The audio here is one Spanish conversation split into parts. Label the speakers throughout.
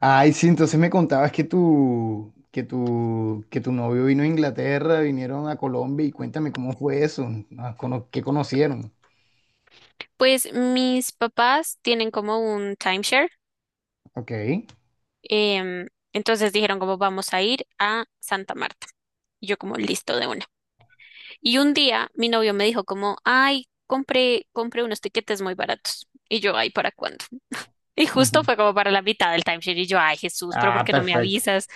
Speaker 1: Ay, sí, entonces me contabas que tu novio vino a Inglaterra, vinieron a Colombia y cuéntame cómo fue eso, qué conocieron.
Speaker 2: Pues mis papás tienen como un timeshare,
Speaker 1: Ok.
Speaker 2: em, entonces dijeron como vamos a ir a Santa Marta. Y yo como listo de una. Y un día mi novio me dijo como, ay, compré unos tiquetes muy baratos. Y yo, ay, ¿para cuándo? Y justo
Speaker 1: Ujú.
Speaker 2: fue como para la mitad del timeshare. Y yo, ay, Jesús, pero
Speaker 1: Ah,
Speaker 2: ¿por qué no me
Speaker 1: perfecto.
Speaker 2: avisas?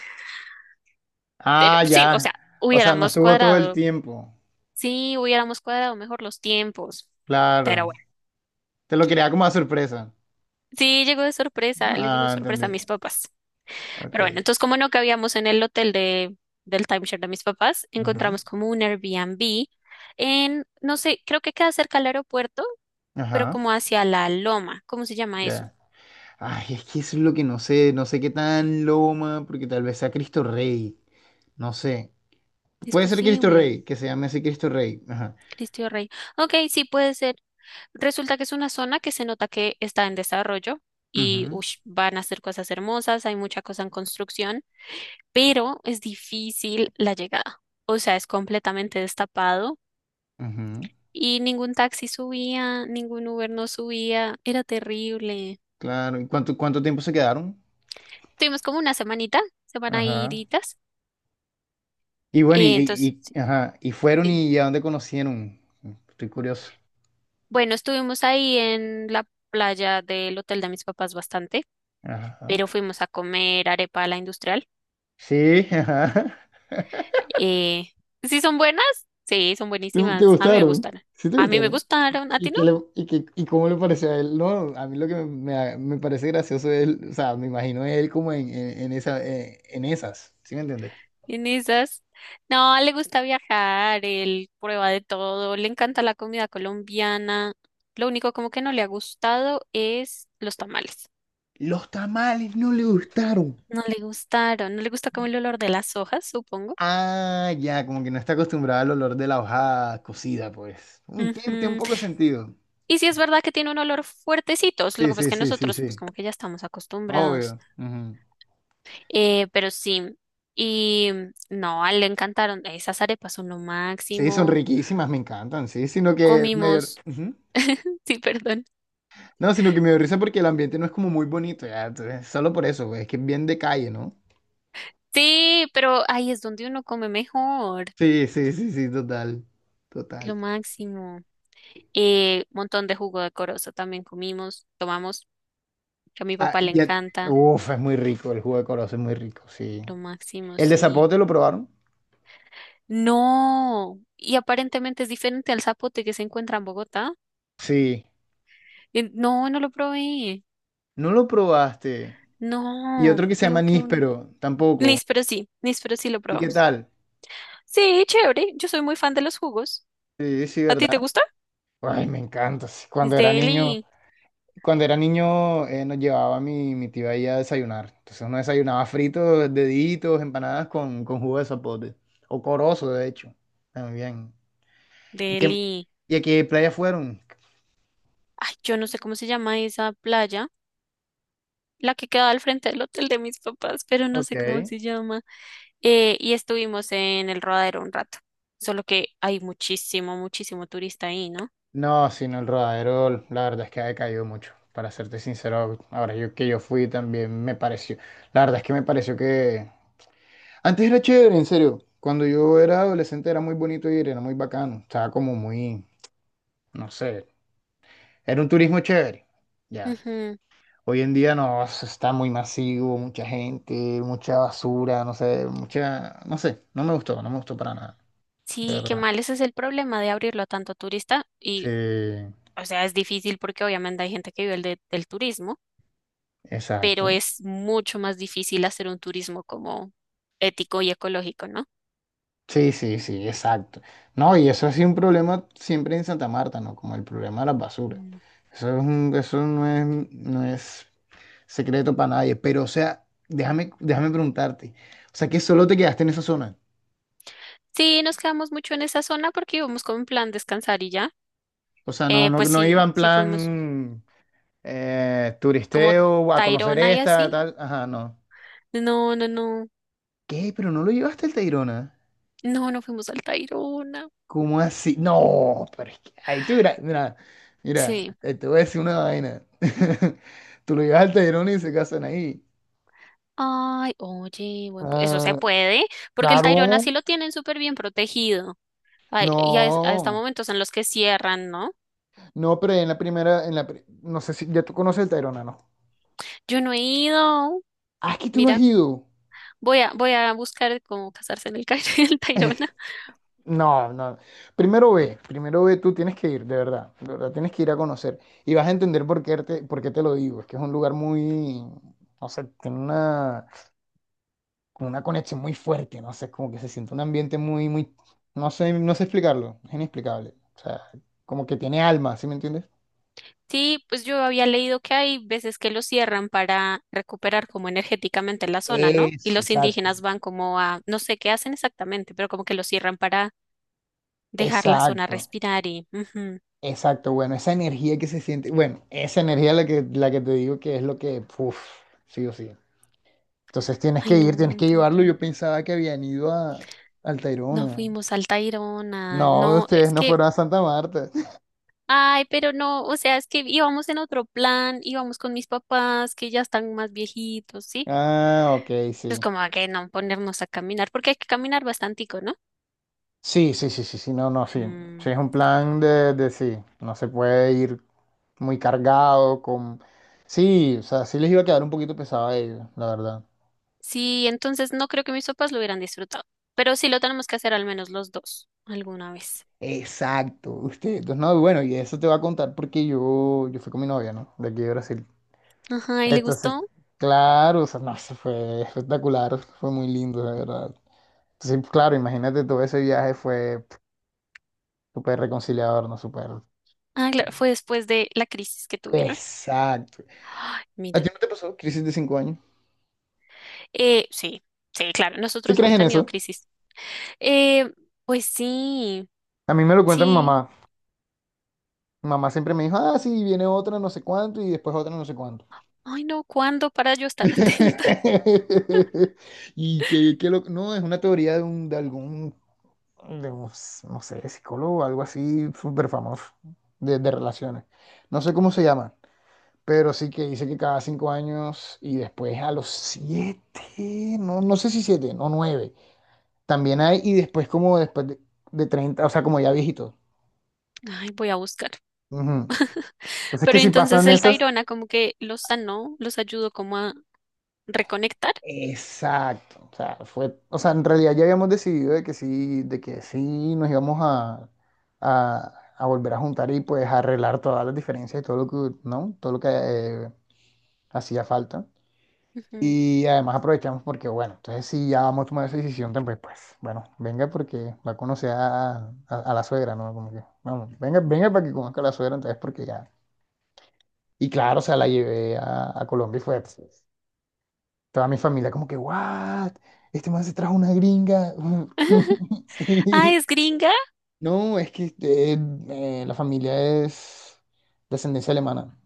Speaker 2: Pero
Speaker 1: Ah,
Speaker 2: sí, o sea,
Speaker 1: ya. O sea, no
Speaker 2: hubiéramos
Speaker 1: estuvo todo el
Speaker 2: cuadrado,
Speaker 1: tiempo.
Speaker 2: sí, hubiéramos cuadrado mejor los tiempos. Pero
Speaker 1: Claro.
Speaker 2: bueno.
Speaker 1: Te lo quería como a sorpresa.
Speaker 2: Sí, llegó de sorpresa, le llegó de
Speaker 1: Ah,
Speaker 2: sorpresa a
Speaker 1: entendí.
Speaker 2: mis papás.
Speaker 1: Ok.
Speaker 2: Pero bueno, entonces como no cabíamos en el del timeshare de mis papás,
Speaker 1: Ujú.
Speaker 2: encontramos como un Airbnb en, no sé, creo que queda cerca al aeropuerto, pero
Speaker 1: Ajá.
Speaker 2: como hacia la Loma. ¿Cómo se llama eso?
Speaker 1: Ya. Ay, es que eso es lo que no sé, no sé qué tan loma, porque tal vez sea Cristo Rey. No sé.
Speaker 2: Es
Speaker 1: Puede ser Cristo
Speaker 2: posible.
Speaker 1: Rey, que se llame así Cristo Rey. Ajá.
Speaker 2: Cristo Rey. Ok, sí puede ser. Resulta que es una zona que se nota que está en desarrollo y
Speaker 1: Ujú,
Speaker 2: ush, van a hacer cosas hermosas, hay mucha cosa en construcción, pero es difícil la llegada. O sea, es completamente destapado.
Speaker 1: ujú.
Speaker 2: Y ningún taxi subía, ningún Uber no subía, era terrible.
Speaker 1: Claro. ¿Y cuánto tiempo se quedaron?
Speaker 2: Tuvimos como una semanita, semana
Speaker 1: Ajá.
Speaker 2: iritas.
Speaker 1: Y bueno,
Speaker 2: eh, entonces, sí,
Speaker 1: ajá. ¿Y fueron
Speaker 2: sí.
Speaker 1: y a dónde conocieron? Estoy curioso.
Speaker 2: Bueno, estuvimos ahí en la playa del hotel de mis papás bastante,
Speaker 1: Ajá.
Speaker 2: pero fuimos a comer arepa a la industrial.
Speaker 1: Sí, ajá.
Speaker 2: Eh, ¿Sí son buenas? Sí, son
Speaker 1: ¿Te, te
Speaker 2: buenísimas. A mí me
Speaker 1: gustaron?
Speaker 2: gustaron.
Speaker 1: Sí, te
Speaker 2: A mí me
Speaker 1: gustaron.
Speaker 2: gustaron. ¿A ti
Speaker 1: ¿Y
Speaker 2: no?
Speaker 1: qué le- y qué- y cómo le pareció a él? No, a mí lo que me parece gracioso es él, o sea, me imagino a él como en esas, ¿sí me entiendes?
Speaker 2: En esas, no, le gusta viajar, él prueba de todo, le encanta la comida colombiana. Lo único como que no le ha gustado es los tamales.
Speaker 1: Los tamales no le gustaron.
Speaker 2: No le gustaron, no le gusta como el olor de las hojas, supongo.
Speaker 1: Ah, ya, como que no está acostumbrada al olor de la hoja cocida, pues. Tiene un
Speaker 2: Ujú.
Speaker 1: poco de sentido.
Speaker 2: Y sí es verdad que tiene un olor fuertecito, lo que
Speaker 1: Sí,
Speaker 2: pasa es
Speaker 1: sí,
Speaker 2: que
Speaker 1: sí, sí,
Speaker 2: nosotros pues
Speaker 1: sí.
Speaker 2: como que ya estamos acostumbrados.
Speaker 1: Obvio. Ujú.
Speaker 2: Pero sí, y no, a él le encantaron, esas arepas son lo
Speaker 1: Sí, son
Speaker 2: máximo.
Speaker 1: riquísimas, me encantan, sí, sino que
Speaker 2: Comimos,
Speaker 1: ujú.
Speaker 2: sí, perdón.
Speaker 1: No, sino que me dio risa porque el ambiente no es como muy bonito, ya, entonces, solo por eso, güey, es que es bien de calle, ¿no?
Speaker 2: Sí, pero ahí es donde uno come mejor.
Speaker 1: Sí, sí, sí, sí, total,
Speaker 2: Lo
Speaker 1: total.
Speaker 2: máximo. Montón de jugo de corozo también comimos, tomamos, que a mi
Speaker 1: Ah,
Speaker 2: papá le
Speaker 1: ya,
Speaker 2: encanta.
Speaker 1: uf, es muy rico, el jugo de corozo es muy rico, sí.
Speaker 2: Lo máximo,
Speaker 1: ¿El de
Speaker 2: sí.
Speaker 1: zapote lo probaron?
Speaker 2: No, y aparentemente es diferente al zapote que se encuentra en Bogotá.
Speaker 1: Sí.
Speaker 2: No, no lo probé.
Speaker 1: No lo probaste. Y
Speaker 2: No,
Speaker 1: otro que se llama
Speaker 2: tengo que un...
Speaker 1: níspero, tampoco.
Speaker 2: Nis, pero sí lo
Speaker 1: ¿Y qué
Speaker 2: probamos.
Speaker 1: tal?
Speaker 2: Sí, chévere. Yo soy muy fan de los jugos.
Speaker 1: Sí, sí,
Speaker 2: ¿A ti
Speaker 1: ¿verdad?
Speaker 2: te gusta?
Speaker 1: Ay, me encanta. Sí.
Speaker 2: Es
Speaker 1: Cuando era niño,
Speaker 2: Delhi,
Speaker 1: nos llevaba mi tía ahí a desayunar. Entonces uno desayunaba fritos, deditos, empanadas con jugo de zapote. O corozo, de hecho. También. ¿Y, qué-
Speaker 2: Delhi.
Speaker 1: y a qué playa fueron?
Speaker 2: Ay, yo no sé cómo se llama esa playa. La que quedaba al frente del hotel de mis papás, pero no
Speaker 1: Ok.
Speaker 2: sé cómo se llama. Y estuvimos en el Rodadero un rato, solo que hay muchísimo, muchísimo turista ahí, ¿no?
Speaker 1: No, sino el rodadero, la verdad es que ha decaído mucho. Para serte sincero, ahora yo que yo fui también me pareció. La verdad es que me pareció que antes era chévere, en serio. Cuando yo era adolescente era muy bonito ir, era muy bacano. Estaba como muy, no sé, era un turismo chévere. Ya.
Speaker 2: Ujú.
Speaker 1: Hoy en día no, eso está muy masivo, mucha gente, mucha basura, no sé, mucha, no sé, no me gustó, no me gustó para nada, de, sí,
Speaker 2: Sí, qué
Speaker 1: verdad.
Speaker 2: mal, ese es el problema de abrirlo a tanto turista
Speaker 1: Sí,
Speaker 2: y, o sea, es difícil porque obviamente hay gente que vive del turismo. Pero
Speaker 1: exacto.
Speaker 2: es mucho más difícil hacer un turismo como ético y ecológico, ¿no?
Speaker 1: Sí, sí, sí, exacto. No, y eso es un problema siempre en Santa Marta, ¿no? Como el problema de las basuras.
Speaker 2: Mm.
Speaker 1: Eso no es, secreto para nadie. Pero, o sea, déjame preguntarte. O sea, que solo te quedaste en esa zona.
Speaker 2: Sí, nos quedamos mucho en esa zona porque íbamos como en plan descansar y ya.
Speaker 1: O sea, no, no,
Speaker 2: Pues
Speaker 1: no iba
Speaker 2: sí,
Speaker 1: en
Speaker 2: sí fuimos
Speaker 1: plan
Speaker 2: como
Speaker 1: turisteo a conocer
Speaker 2: Tayrona y
Speaker 1: esta,
Speaker 2: así.
Speaker 1: tal. Ajá, no.
Speaker 2: No, no, no,
Speaker 1: ¿Qué? Pero no lo llevaste al Tayrona.
Speaker 2: no, no fuimos al Tayrona.
Speaker 1: ¿Cómo así? No, pero es que ahí tú, mira, mira, mira,
Speaker 2: Sí.
Speaker 1: te voy a decir una vaina. Tú lo llevas al Tayrona y se casan ahí.
Speaker 2: Ay, oye, eso se
Speaker 1: Ah,
Speaker 2: puede, porque el Tayrona
Speaker 1: claro,
Speaker 2: sí lo tienen súper bien protegido. Ay, y a, es- a hasta
Speaker 1: no,
Speaker 2: momentos en los que cierran, ¿no?
Speaker 1: no, pero en la primera, en la, pri- no sé si ya tú conoces el Tayrona, ¿no?
Speaker 2: Yo no he ido.
Speaker 1: Ah, es que tú no has
Speaker 2: Mira.
Speaker 1: ido.
Speaker 2: Voy a buscar cómo casarse en el Cairo y el Tayrona.
Speaker 1: No, no. Primero ve, tú tienes que ir, de verdad, tienes que ir a conocer. Y vas a entender por qué te lo digo. Es que es un lugar muy, no sé, tiene una como una conexión muy fuerte, no sé, es como que se siente un ambiente muy, muy, no sé, no sé explicarlo, es inexplicable. O sea, como que tiene alma, ¿sí me entiendes?
Speaker 2: Sí, pues yo había leído que hay veces que lo cierran para recuperar como energéticamente la zona, ¿no? Y
Speaker 1: Eso,
Speaker 2: los
Speaker 1: exacto,
Speaker 2: indígenas van como a, no sé qué hacen exactamente, pero como que lo cierran para dejar la zona
Speaker 1: exacto,
Speaker 2: respirar y... ujú.
Speaker 1: exacto, bueno, esa energía que se siente, bueno, esa energía la que te digo que es lo que, uff, sí o sí. Entonces tienes
Speaker 2: Ay,
Speaker 1: que ir, tienes
Speaker 2: no,
Speaker 1: que
Speaker 2: tengo
Speaker 1: llevarlo.
Speaker 2: que
Speaker 1: Yo
Speaker 2: ir.
Speaker 1: pensaba que habían ido a, al
Speaker 2: No
Speaker 1: Tayrona.
Speaker 2: fuimos al Tayrona,
Speaker 1: No,
Speaker 2: no,
Speaker 1: ustedes
Speaker 2: es
Speaker 1: no
Speaker 2: que...
Speaker 1: fueron a Santa Marta.
Speaker 2: Ay, pero no, o sea, es que íbamos en otro plan, íbamos con mis papás que ya están más viejitos, ¿sí?
Speaker 1: Ah, ok,
Speaker 2: Pues
Speaker 1: sí.
Speaker 2: como a que no ponernos a caminar, porque hay que caminar bastantico, ¿no?
Speaker 1: Sí, sí, sí, sí, sí, no, no, sí. Sí,
Speaker 2: Mm.
Speaker 1: es un plan de sí. No se puede ir muy cargado con... Sí, o sea, sí les iba a quedar un poquito pesado a ellos, la verdad.
Speaker 2: Sí, entonces no creo que mis papás lo hubieran disfrutado, pero sí lo tenemos que hacer al menos los dos alguna vez.
Speaker 1: Exacto, usted. Entonces, no, bueno, y eso te va a contar porque yo fui con mi novia, ¿no? De aquí de Brasil.
Speaker 2: Ajá, ¿y le
Speaker 1: Entonces,
Speaker 2: gustó?
Speaker 1: claro, o sea, no, eso fue espectacular, fue muy lindo, de verdad. Entonces, claro, imagínate, todo ese viaje fue pf, súper reconciliador, ¿no? Súper...
Speaker 2: Ah, claro, fue después de la crisis que tuvieron.
Speaker 1: Exacto.
Speaker 2: Ay,
Speaker 1: ¿A ti
Speaker 2: mira,
Speaker 1: no te pasó crisis de 5 años?
Speaker 2: sí, sí, claro,
Speaker 1: ¿Sí
Speaker 2: nosotros
Speaker 1: crees
Speaker 2: hemos
Speaker 1: en
Speaker 2: tenido
Speaker 1: eso?
Speaker 2: crisis. Eh, pues sí,
Speaker 1: A mí me lo cuenta mi
Speaker 2: sí.
Speaker 1: mamá. Mi mamá siempre me dijo, ah, sí, viene otra no sé cuánto y después otra no sé cuánto.
Speaker 2: Ay, no, ¿cuándo para yo estar atenta?
Speaker 1: No, es una teoría de un no sé, psicólogo o algo así súper famoso de relaciones. No sé cómo se llama, pero sí que dice que cada 5 años y después a los siete, no, no sé si siete, no nueve, también hay y después como después de 30, o sea, como ya viejitos.
Speaker 2: Ay, voy a buscar.
Speaker 1: Ujú. Entonces
Speaker 2: Pero
Speaker 1: que si
Speaker 2: entonces
Speaker 1: pasan
Speaker 2: el
Speaker 1: esas...
Speaker 2: tayrona como que los sanó, los ayudó como a reconectar.
Speaker 1: Exacto. O sea, en realidad ya habíamos decidido de que sí nos íbamos a volver a juntar y pues arreglar todas las diferencias y todo lo que, ¿no? Todo lo que hacía falta.
Speaker 2: Ujú.
Speaker 1: Y además aprovechamos porque, bueno, entonces si ya vamos a tomar esa decisión, tan, pues bueno, venga porque va a conocer a la suegra, ¿no? Como que, vamos, venga, venga para que conozca a la suegra, entonces porque ya. Y claro, o sea, la llevé a Colombia y fue... pues, toda mi familia como que, ¿what? Este man se trajo una gringa.
Speaker 2: Ah,
Speaker 1: Sí.
Speaker 2: ¿es gringa?
Speaker 1: No, es que la familia es descendencia alemana,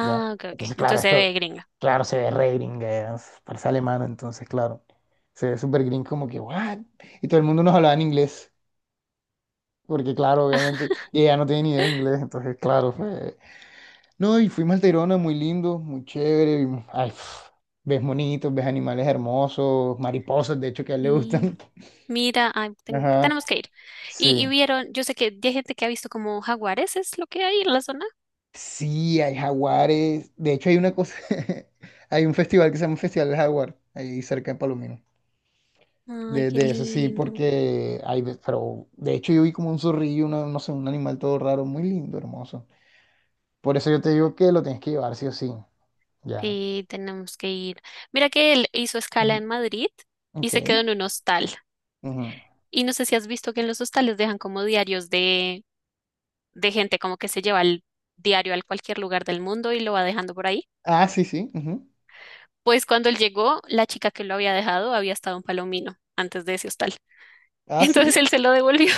Speaker 1: ¿ya?
Speaker 2: ok, ok.
Speaker 1: Entonces, claro,
Speaker 2: Entonces se
Speaker 1: esto,
Speaker 2: ve gringa.
Speaker 1: claro, se ve re gringa, parece alemana, entonces, claro, se ve súper gringa como que, ¿what? Y todo el mundo nos hablaba en inglés, porque, claro, obviamente, y ella no tiene ni idea de inglés, entonces, claro, fue... No, y fuimos al Tayrona, muy lindo, muy chévere. Ay, pf, ves monitos, ves animales hermosos, mariposas, de hecho, que a él le gustan.
Speaker 2: Mira, ay, tengo,
Speaker 1: Ajá,
Speaker 2: tenemos que ir.
Speaker 1: sí.
Speaker 2: Y vieron, yo sé que ya hay gente que ha visto como jaguares, es lo que hay en la zona.
Speaker 1: Sí, hay jaguares. De hecho, hay una cosa, hay un festival que se llama Festival del Jaguar, ahí cerca de Palomino.
Speaker 2: Ay,
Speaker 1: De,
Speaker 2: qué
Speaker 1: de eso sí,
Speaker 2: lindo.
Speaker 1: porque pero de hecho yo vi como un zorrillo, no sé, un animal todo raro, muy lindo, hermoso. Por eso yo te digo que lo tienes que llevar sí o sí. Ya.
Speaker 2: Sí, tenemos que ir. Mira que él hizo escala
Speaker 1: Ujú.
Speaker 2: en Madrid y
Speaker 1: Ok.
Speaker 2: se quedó en un hostal.
Speaker 1: Ujú.
Speaker 2: Y no sé si has visto que en los hostales dejan como diarios de gente como que se lleva el diario al cualquier lugar del mundo y lo va dejando por ahí.
Speaker 1: Ah, sí, sí. Ujú.
Speaker 2: Pues cuando él llegó, la chica que lo había dejado había estado en Palomino antes de ese hostal.
Speaker 1: Ah, sí.
Speaker 2: Entonces él se lo devolvió.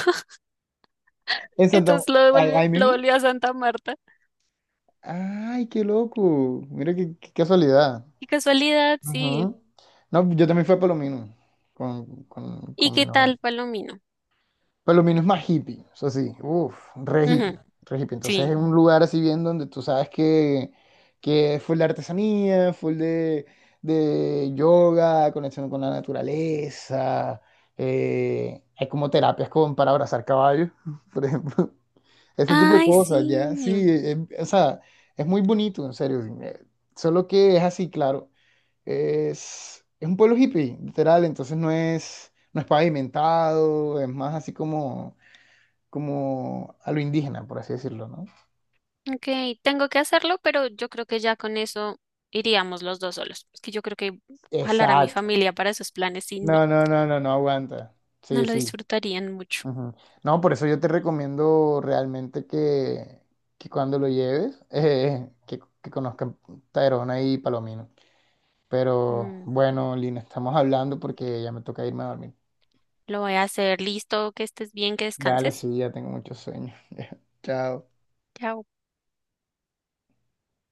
Speaker 1: En Santa,
Speaker 2: Entonces lo
Speaker 1: ahí,
Speaker 2: devolvió,
Speaker 1: ahí
Speaker 2: lo
Speaker 1: mismo.
Speaker 2: volvió a Santa Marta.
Speaker 1: Ay, qué loco. Mira qué casualidad.
Speaker 2: Qué casualidad, sí.
Speaker 1: Ajá. No, yo también fui a Palomino con, con,
Speaker 2: ¿Y
Speaker 1: con mi
Speaker 2: qué
Speaker 1: novia.
Speaker 2: tal, Palomino?
Speaker 1: Palomino es más hippie, eso sí, uff, re hippie,
Speaker 2: Ujú,
Speaker 1: re hippie. Entonces es
Speaker 2: sí.
Speaker 1: un lugar así bien donde tú sabes que full de artesanía, full de yoga, conexión con la naturaleza. Hay como terapias para abrazar caballos, por ejemplo. Ese tipo de
Speaker 2: Ay,
Speaker 1: cosas, ya, sí,
Speaker 2: sí.
Speaker 1: o sea, es muy bonito, en serio. Solo que es así, claro. Es un pueblo hippie, literal, entonces no es, pavimentado, es más así como a lo indígena, por así decirlo, ¿no?
Speaker 2: Ok, tengo que hacerlo, pero yo creo que ya con eso iríamos los dos solos. Es que yo creo que jalar a mi
Speaker 1: Exacto.
Speaker 2: familia para esos planes y no,
Speaker 1: No, no, no, no, no aguanta. Sí,
Speaker 2: no lo
Speaker 1: sí.
Speaker 2: disfrutarían mucho.
Speaker 1: Ujú. No, por eso yo te recomiendo realmente que cuando lo lleves, que conozcan Tayrona y Palomino. Pero
Speaker 2: Mm,
Speaker 1: bueno, Lina, estamos hablando porque ya me toca irme a dormir.
Speaker 2: lo voy a hacer. Listo, que estés bien, que
Speaker 1: Dale,
Speaker 2: descanses.
Speaker 1: sí, ya tengo mucho sueño. Chao.
Speaker 2: Chao.